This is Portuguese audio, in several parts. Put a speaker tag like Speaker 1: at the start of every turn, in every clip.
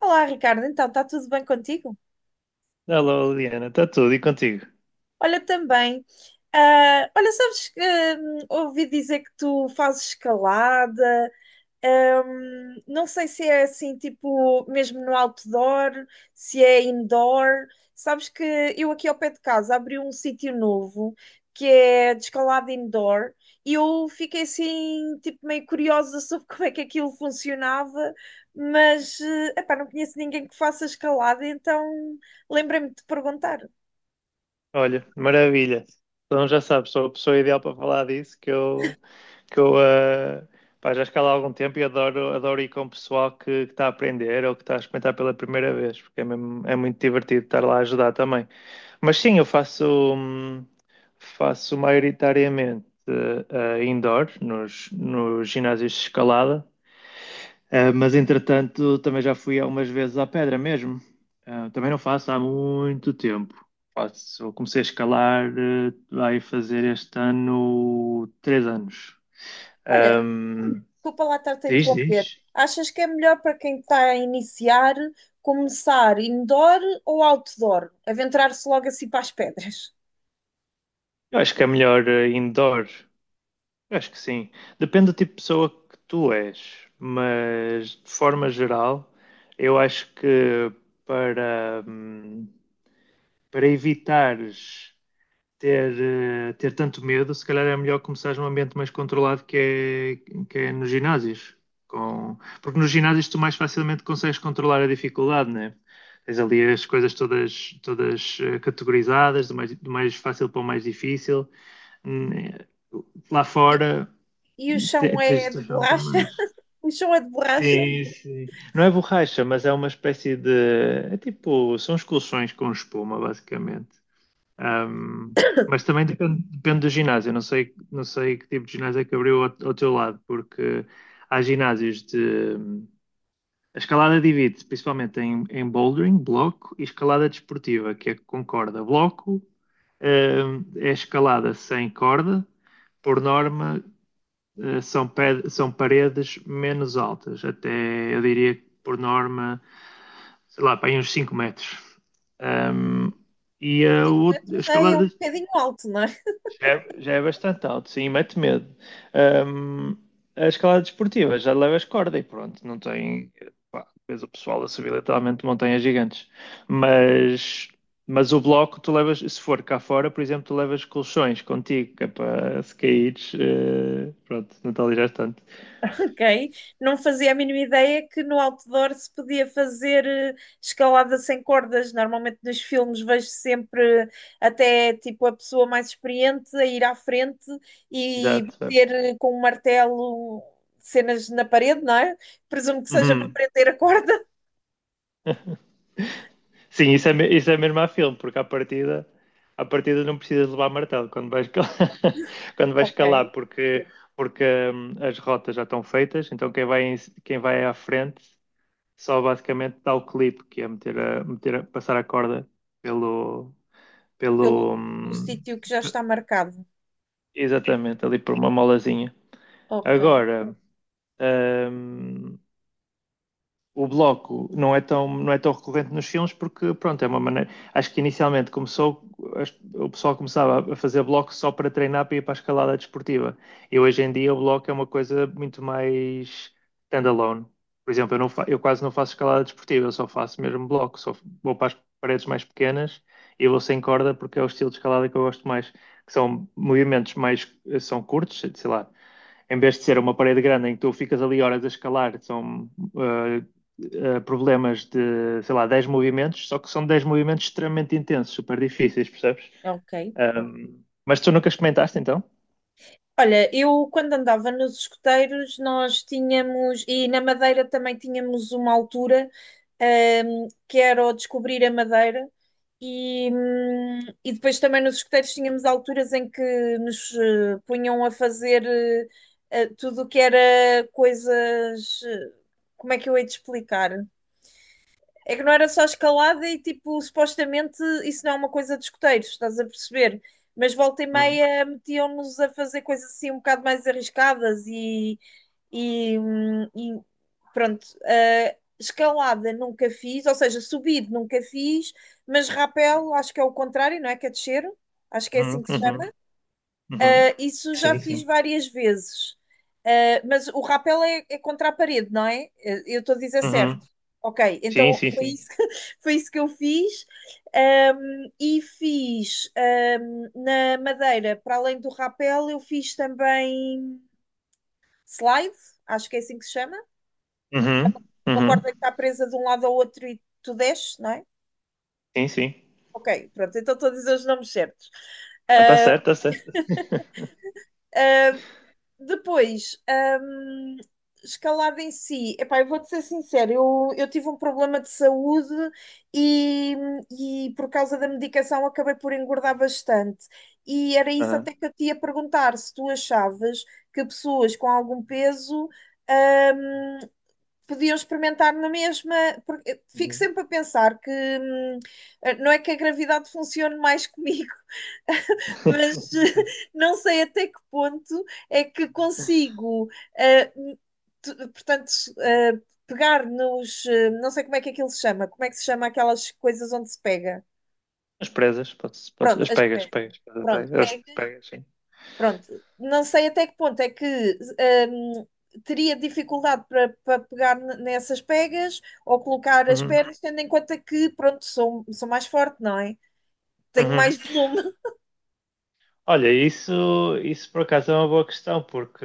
Speaker 1: Olá, Ricardo. Então, está tudo bem contigo?
Speaker 2: Alô, Liliana, está tudo e contigo?
Speaker 1: Olha, também. Olha, sabes que ouvi dizer que tu fazes escalada. Não sei se é assim, tipo, mesmo no outdoor, se é indoor. Sabes que eu aqui ao pé de casa abri um sítio novo que é de escalada indoor e eu fiquei assim, tipo, meio curiosa sobre como é que aquilo funcionava, mas, epá, não conheço ninguém que faça escalada, então lembrei-me de te perguntar.
Speaker 2: Olha, maravilha. Então já sabes, sou a pessoa ideal para falar disso, que eu eh, pá, já escalo há algum tempo e adoro, adoro ir com o pessoal que está a aprender ou que está a experimentar pela primeira vez, porque é muito divertido estar lá a ajudar também. Mas sim, eu hum, faço maioritariamente indoor, nos ginásios de escalada. Ah, mas entretanto, também já fui algumas vezes à pedra mesmo. Ah, também não faço há muito tempo. Eu comecei a escalar, vai fazer este ano 3 anos.
Speaker 1: Olha,
Speaker 2: Ahm,
Speaker 1: desculpa lá estar-te a
Speaker 2: diz,
Speaker 1: interromper.
Speaker 2: diz.
Speaker 1: Achas que é melhor para quem está a iniciar começar indoor ou outdoor? Aventurar-se logo assim para as pedras?
Speaker 2: Eu acho que é melhor indoor. Eu acho que sim. Depende do tipo de pessoa que tu és, mas de forma geral, eu acho que para, hum, para evitares ter, ter tanto medo, se calhar é melhor começar num ambiente mais controlado que é nos ginásios. Porque nos ginásios tu mais facilmente consegues controlar a dificuldade, né? Tens ali as coisas todas, categorizadas, do mais fácil para o mais difícil. Hum, eh, Lá
Speaker 1: E,
Speaker 2: fora
Speaker 1: e o chão
Speaker 2: tens
Speaker 1: é
Speaker 2: de
Speaker 1: de
Speaker 2: achar um bocado
Speaker 1: borracha?
Speaker 2: mais.
Speaker 1: O chão é de borracha?
Speaker 2: Sim, sim. Não é borracha, mas é uma espécie de. É tipo. São os colchões com espuma, basicamente. Ahm, mas também depende do ginásio. Eu não sei, que tipo de ginásio é que abriu ao teu lado, porque há ginásios de. A escalada divide-se principalmente em bouldering, bloco, e escalada desportiva, que é com corda. Bloco, é escalada sem corda, por norma, são paredes menos altas, até eu diria que por norma, sei lá, para aí uns 5 metros. Ahm, e a,
Speaker 1: 5
Speaker 2: outra, a
Speaker 1: metros já é um
Speaker 2: escalada
Speaker 1: bocadinho alto, não é?
Speaker 2: já é bastante alto, sim, mete medo. Ahm, a escalada desportiva já levas corda e pronto, não tem. Pá, depois o pessoal a subir literalmente montanhas gigantes. Mas, mas o bloco, tu levas, se for cá fora, por exemplo, tu levas colchões contigo, que é para se caíres. Pronto, não te alijas tanto.
Speaker 1: Ok? Não fazia a mínima ideia que no outdoor se podia fazer escalada sem cordas. Normalmente nos filmes vejo sempre até tipo a pessoa mais experiente a ir à frente e
Speaker 2: Exato. É.
Speaker 1: bater com um martelo cenas na parede, não é? Presumo que seja para
Speaker 2: Uhum.
Speaker 1: prender a corda.
Speaker 2: Sim, isso é mesmo a filme, porque à partida não precisas levar martelo quando vais
Speaker 1: Ok?
Speaker 2: calar, porque as rotas já estão feitas, então quem vai à frente só basicamente dá o clipe, que é passar a corda pelo,
Speaker 1: Pelo
Speaker 2: pelo,
Speaker 1: o
Speaker 2: hum,
Speaker 1: sítio que já está
Speaker 2: pe-
Speaker 1: marcado,
Speaker 2: exatamente, ali por uma molazinha.
Speaker 1: ok,
Speaker 2: Agora, hum, o bloco não é tão recorrente nos filmes, porque, pronto, é uma maneira, acho que inicialmente começou, o pessoal começava a fazer bloco só para treinar, para ir para a escalada desportiva, e hoje em dia o bloco é uma coisa muito mais standalone. Por exemplo, eu quase não faço escalada desportiva, eu só faço mesmo bloco, só vou para as paredes mais pequenas e vou sem corda, porque é o estilo de escalada que eu gosto mais, que são movimentos mais, são curtos, sei lá, em vez de ser uma parede grande em que tu ficas ali horas a escalar, são eh, problemas de, sei lá, 10 movimentos, só que são 10 movimentos extremamente intensos, super difíceis, percebes?
Speaker 1: ok.
Speaker 2: Mas tu nunca experimentaste então?
Speaker 1: Olha, eu quando andava nos escuteiros, nós tínhamos, e na Madeira também tínhamos uma altura, que era o descobrir a Madeira, e depois também nos escuteiros tínhamos alturas em que nos punham a fazer tudo o que era coisas. Como é que eu hei de explicar? É que não era só escalada e, tipo, supostamente isso não é uma coisa de escoteiros, estás a perceber? Mas volta e
Speaker 2: Uhum,
Speaker 1: meia metiam-nos a fazer coisas assim um bocado mais arriscadas e pronto. Escalada nunca fiz, ou seja, subir nunca fiz, mas rapel acho que é o contrário, não é? Que é descer, acho que é assim
Speaker 2: uhum,
Speaker 1: que se chama.
Speaker 2: uhum, uhum.
Speaker 1: Isso já
Speaker 2: Sim,
Speaker 1: fiz
Speaker 2: sim.
Speaker 1: várias vezes. Mas o rapel é, é contra a parede, não é? Eu estou a dizer certo.
Speaker 2: Uhum.
Speaker 1: Ok,
Speaker 2: Sim,
Speaker 1: então
Speaker 2: sim,
Speaker 1: foi isso,
Speaker 2: sim.
Speaker 1: foi isso que eu fiz. Um, e fiz um, na Madeira, para além do rapel, eu fiz também slide, acho que é assim que se chama.
Speaker 2: Uhum,
Speaker 1: Uma
Speaker 2: uhum.
Speaker 1: corda que está presa de um lado ao outro e tu desces, não é?
Speaker 2: Sim, sim.
Speaker 1: Ok, pronto, então estou a dizer os nomes certos.
Speaker 2: Está certo, está certo.
Speaker 1: Depois, escalada em si, epá, eu vou-te ser sincero, eu tive um problema de saúde e, e por causa da medicação acabei por engordar bastante. E era isso até
Speaker 2: Aham.
Speaker 1: que eu te ia perguntar, se tu achavas que pessoas com algum peso, hum, podiam experimentar na mesma, porque eu fico
Speaker 2: Uhum.
Speaker 1: sempre a pensar que, não é que a gravidade funcione mais comigo, mas não sei até que ponto é que consigo, eh, portanto, eh, pegar nos, não sei como é que aquilo se chama, como é que se chama aquelas coisas onde se pega?
Speaker 2: As presas, podes,
Speaker 1: Pronto,
Speaker 2: as
Speaker 1: as
Speaker 2: pegas,
Speaker 1: pressas.
Speaker 2: pegas, pegas,
Speaker 1: Pronto,
Speaker 2: pegas, as
Speaker 1: pega,
Speaker 2: pegas, sim.
Speaker 1: pronto. Não sei até que ponto é que ehm, teria dificuldade para pegar nessas pegas ou colocar as
Speaker 2: Uhum,
Speaker 1: pernas, tendo em conta que, pronto, sou mais forte, não é? Tenho
Speaker 2: uhum.
Speaker 1: mais volume.
Speaker 2: Olha, isso por acaso é uma boa questão, porque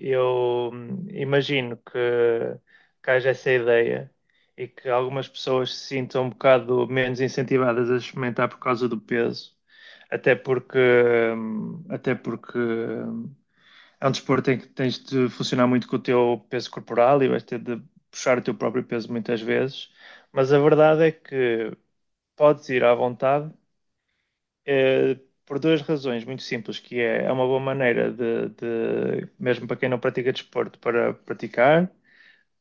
Speaker 2: eu imagino que haja essa ideia e que algumas pessoas se sintam um bocado menos incentivadas a experimentar por causa do peso, até porque, até porque é um desporto em que tens de funcionar muito com o teu peso corporal e vais ter de puxar o teu próprio peso muitas vezes, mas a verdade é que podes ir à vontade, eh, por duas razões muito simples, que é, é uma boa maneira de, mesmo para quem não pratica desporto, para praticar,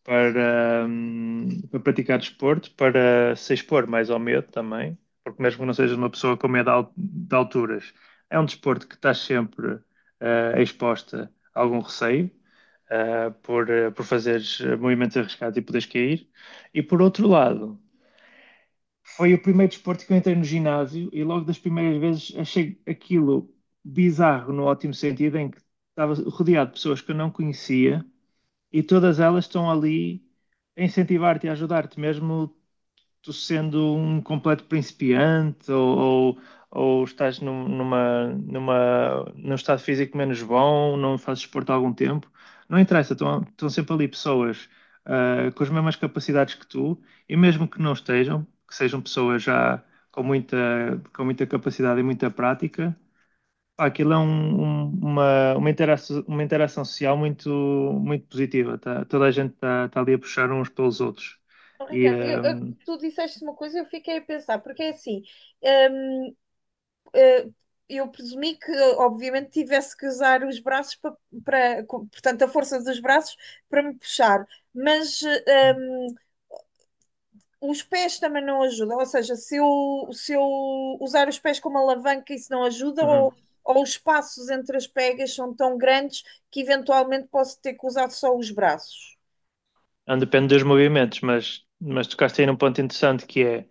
Speaker 2: para praticar desporto, para se expor mais ao medo também, porque mesmo que não sejas uma pessoa com medo de alturas, é um desporto que estás sempre exposta a algum receio, por fazeres movimentos arriscados e poderes cair. E, por outro lado, foi o primeiro desporto que eu entrei no ginásio e logo das primeiras vezes achei aquilo bizarro no ótimo sentido, em que estava rodeado de pessoas que eu não conhecia e todas elas estão ali a incentivar-te e a ajudar-te, mesmo tu sendo um completo principiante, ou, ou estás num estado físico menos bom, não fazes desporto há algum tempo, não interessa, estão sempre ali pessoas com as mesmas capacidades que tu, e mesmo que não estejam, que sejam pessoas já com muita, com muita capacidade e muita prática, pá, aquilo é uma interação social muito, muito positiva. Tá? Toda a gente está ali a puxar uns pelos outros.
Speaker 1: Oh,
Speaker 2: E,
Speaker 1: Ricardo,
Speaker 2: hum,
Speaker 1: tu disseste uma coisa e eu fiquei a pensar, porque é assim, hum, eh, eu presumi que obviamente tivesse que usar os braços para, portanto, a força dos braços para me puxar, mas os pés também não ajudam, ou seja, se eu usar os pés como alavanca isso não ajuda,
Speaker 2: uhum.
Speaker 1: ou os espaços entre as pegas são tão grandes que eventualmente posso ter que usar só os braços.
Speaker 2: Não depende dos movimentos, mas tocaste aí num ponto interessante, que é,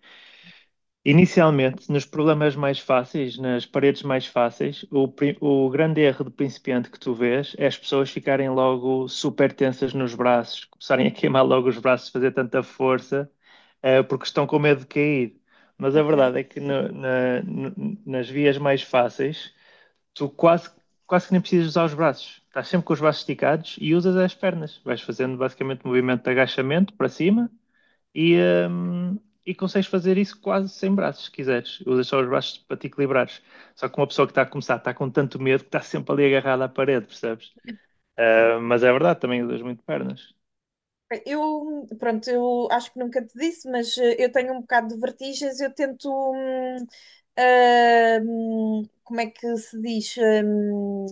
Speaker 2: inicialmente, nos problemas mais fáceis, nas paredes mais fáceis, o grande erro do principiante que tu vês é as pessoas ficarem logo super tensas nos braços, começarem a queimar logo os braços, fazer tanta força, porque estão com medo de cair. Mas a
Speaker 1: Ok.
Speaker 2: verdade é que nas vias mais fáceis tu quase, quase que nem precisas usar os braços. Estás sempre com os braços esticados e usas as pernas. Vais fazendo basicamente movimento de agachamento para cima e, hum, e consegues fazer isso quase sem braços, se quiseres. Usas só os braços para te equilibrares. Só que uma pessoa que está a começar está com tanto medo que está sempre ali agarrada à parede, percebes? Ah, mas é verdade, também usas muito pernas.
Speaker 1: Eu, pronto, eu acho que nunca te disse, mas eu tenho um bocado de vertigens, eu tento, como é que se diz? hum,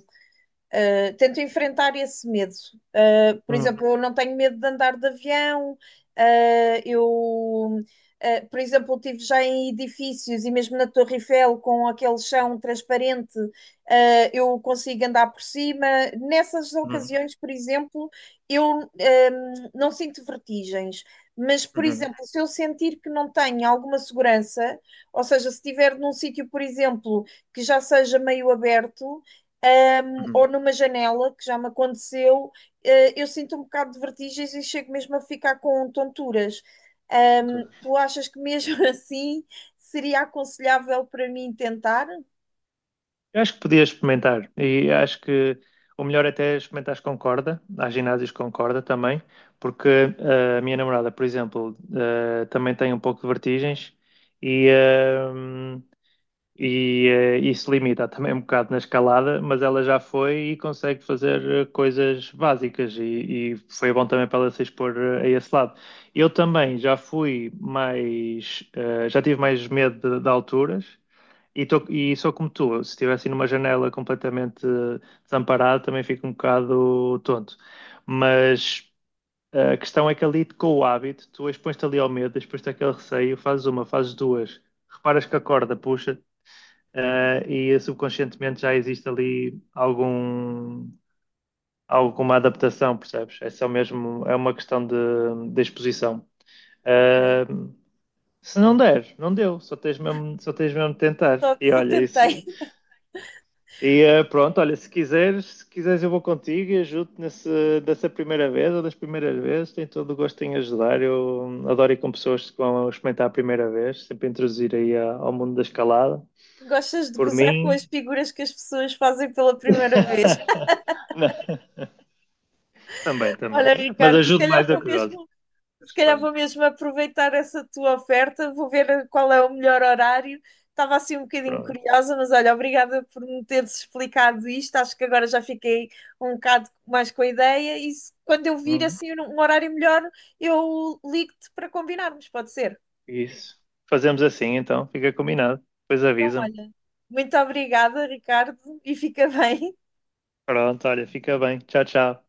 Speaker 1: Uh, Tento enfrentar esse medo. Por
Speaker 2: Hum,
Speaker 1: exemplo, eu não tenho medo de andar de avião, eu. Por exemplo, eu estive já em edifícios e mesmo na Torre Eiffel, com aquele chão transparente, eu consigo andar por cima. Nessas
Speaker 2: hum,
Speaker 1: ocasiões, por exemplo, eu um, não sinto vertigens. Mas, por
Speaker 2: hum,
Speaker 1: exemplo, se eu sentir que não tenho alguma segurança, ou seja, se estiver num sítio, por exemplo, que já seja meio aberto, eh, ou
Speaker 2: hum.
Speaker 1: numa janela, que já me aconteceu, eu sinto um bocado de vertigens e chego mesmo a ficar com tonturas.
Speaker 2: Concordo.
Speaker 1: Tu achas que mesmo assim seria aconselhável para mim tentar?
Speaker 2: Eu acho que podias experimentar e acho que o melhor até é experimentares com corda, há ginásios com corda também, porque, a minha namorada, por exemplo, também tem um pouco de vertigens, e, eh, e isso limita também um bocado na escalada, mas ela já foi e consegue fazer coisas básicas, e foi bom também para ela se expor, a esse lado. Eu também já fui mais, já tive mais medo de alturas. E sou como tu, se estivesse numa janela completamente desamparado, também fico um bocado tonto. Mas a questão é que ali com o hábito, tu expões-te ali ao medo, expões-te àquele receio, fazes uma, fazes duas, reparas que a corda puxa, e subconscientemente já existe ali algum, alguma adaptação, percebes? É só mesmo, é uma questão de exposição.
Speaker 1: Ok,
Speaker 2: Eh, se não der, não deu, só tens mesmo de tentar.
Speaker 1: só tentei.
Speaker 2: E pronto, olha, se quiseres eu vou contigo e ajudo-te dessa primeira vez ou das primeiras vezes, tenho todo o gosto em ajudar. Eu adoro ir com pessoas que vão experimentar a primeira vez, sempre introduzir aí ao mundo da escalada.
Speaker 1: Gostas de
Speaker 2: Por
Speaker 1: gozar com
Speaker 2: mim,
Speaker 1: as figuras que as pessoas fazem pela primeira vez?
Speaker 2: não, também, também.
Speaker 1: Olha,
Speaker 2: Mas
Speaker 1: Ricardo,
Speaker 2: ajudo mais do que gosto.
Speaker 1: se
Speaker 2: Mas
Speaker 1: calhar vou
Speaker 2: pronto,
Speaker 1: mesmo aproveitar essa tua oferta, vou ver qual é o melhor horário. Estava assim um bocadinho
Speaker 2: pronto.
Speaker 1: curiosa, mas olha, obrigada por me teres explicado isto. Acho que agora já fiquei um bocado mais com a ideia. E quando eu vir
Speaker 2: Uhum.
Speaker 1: assim um horário melhor, eu ligo-te para combinarmos, pode ser?
Speaker 2: Isso. Fazemos assim então, fica combinado. Depois
Speaker 1: Então,
Speaker 2: avisa-me.
Speaker 1: olha, muito obrigada, Ricardo, e fica bem.
Speaker 2: Pronto, olha, fica bem. Tchau, tchau.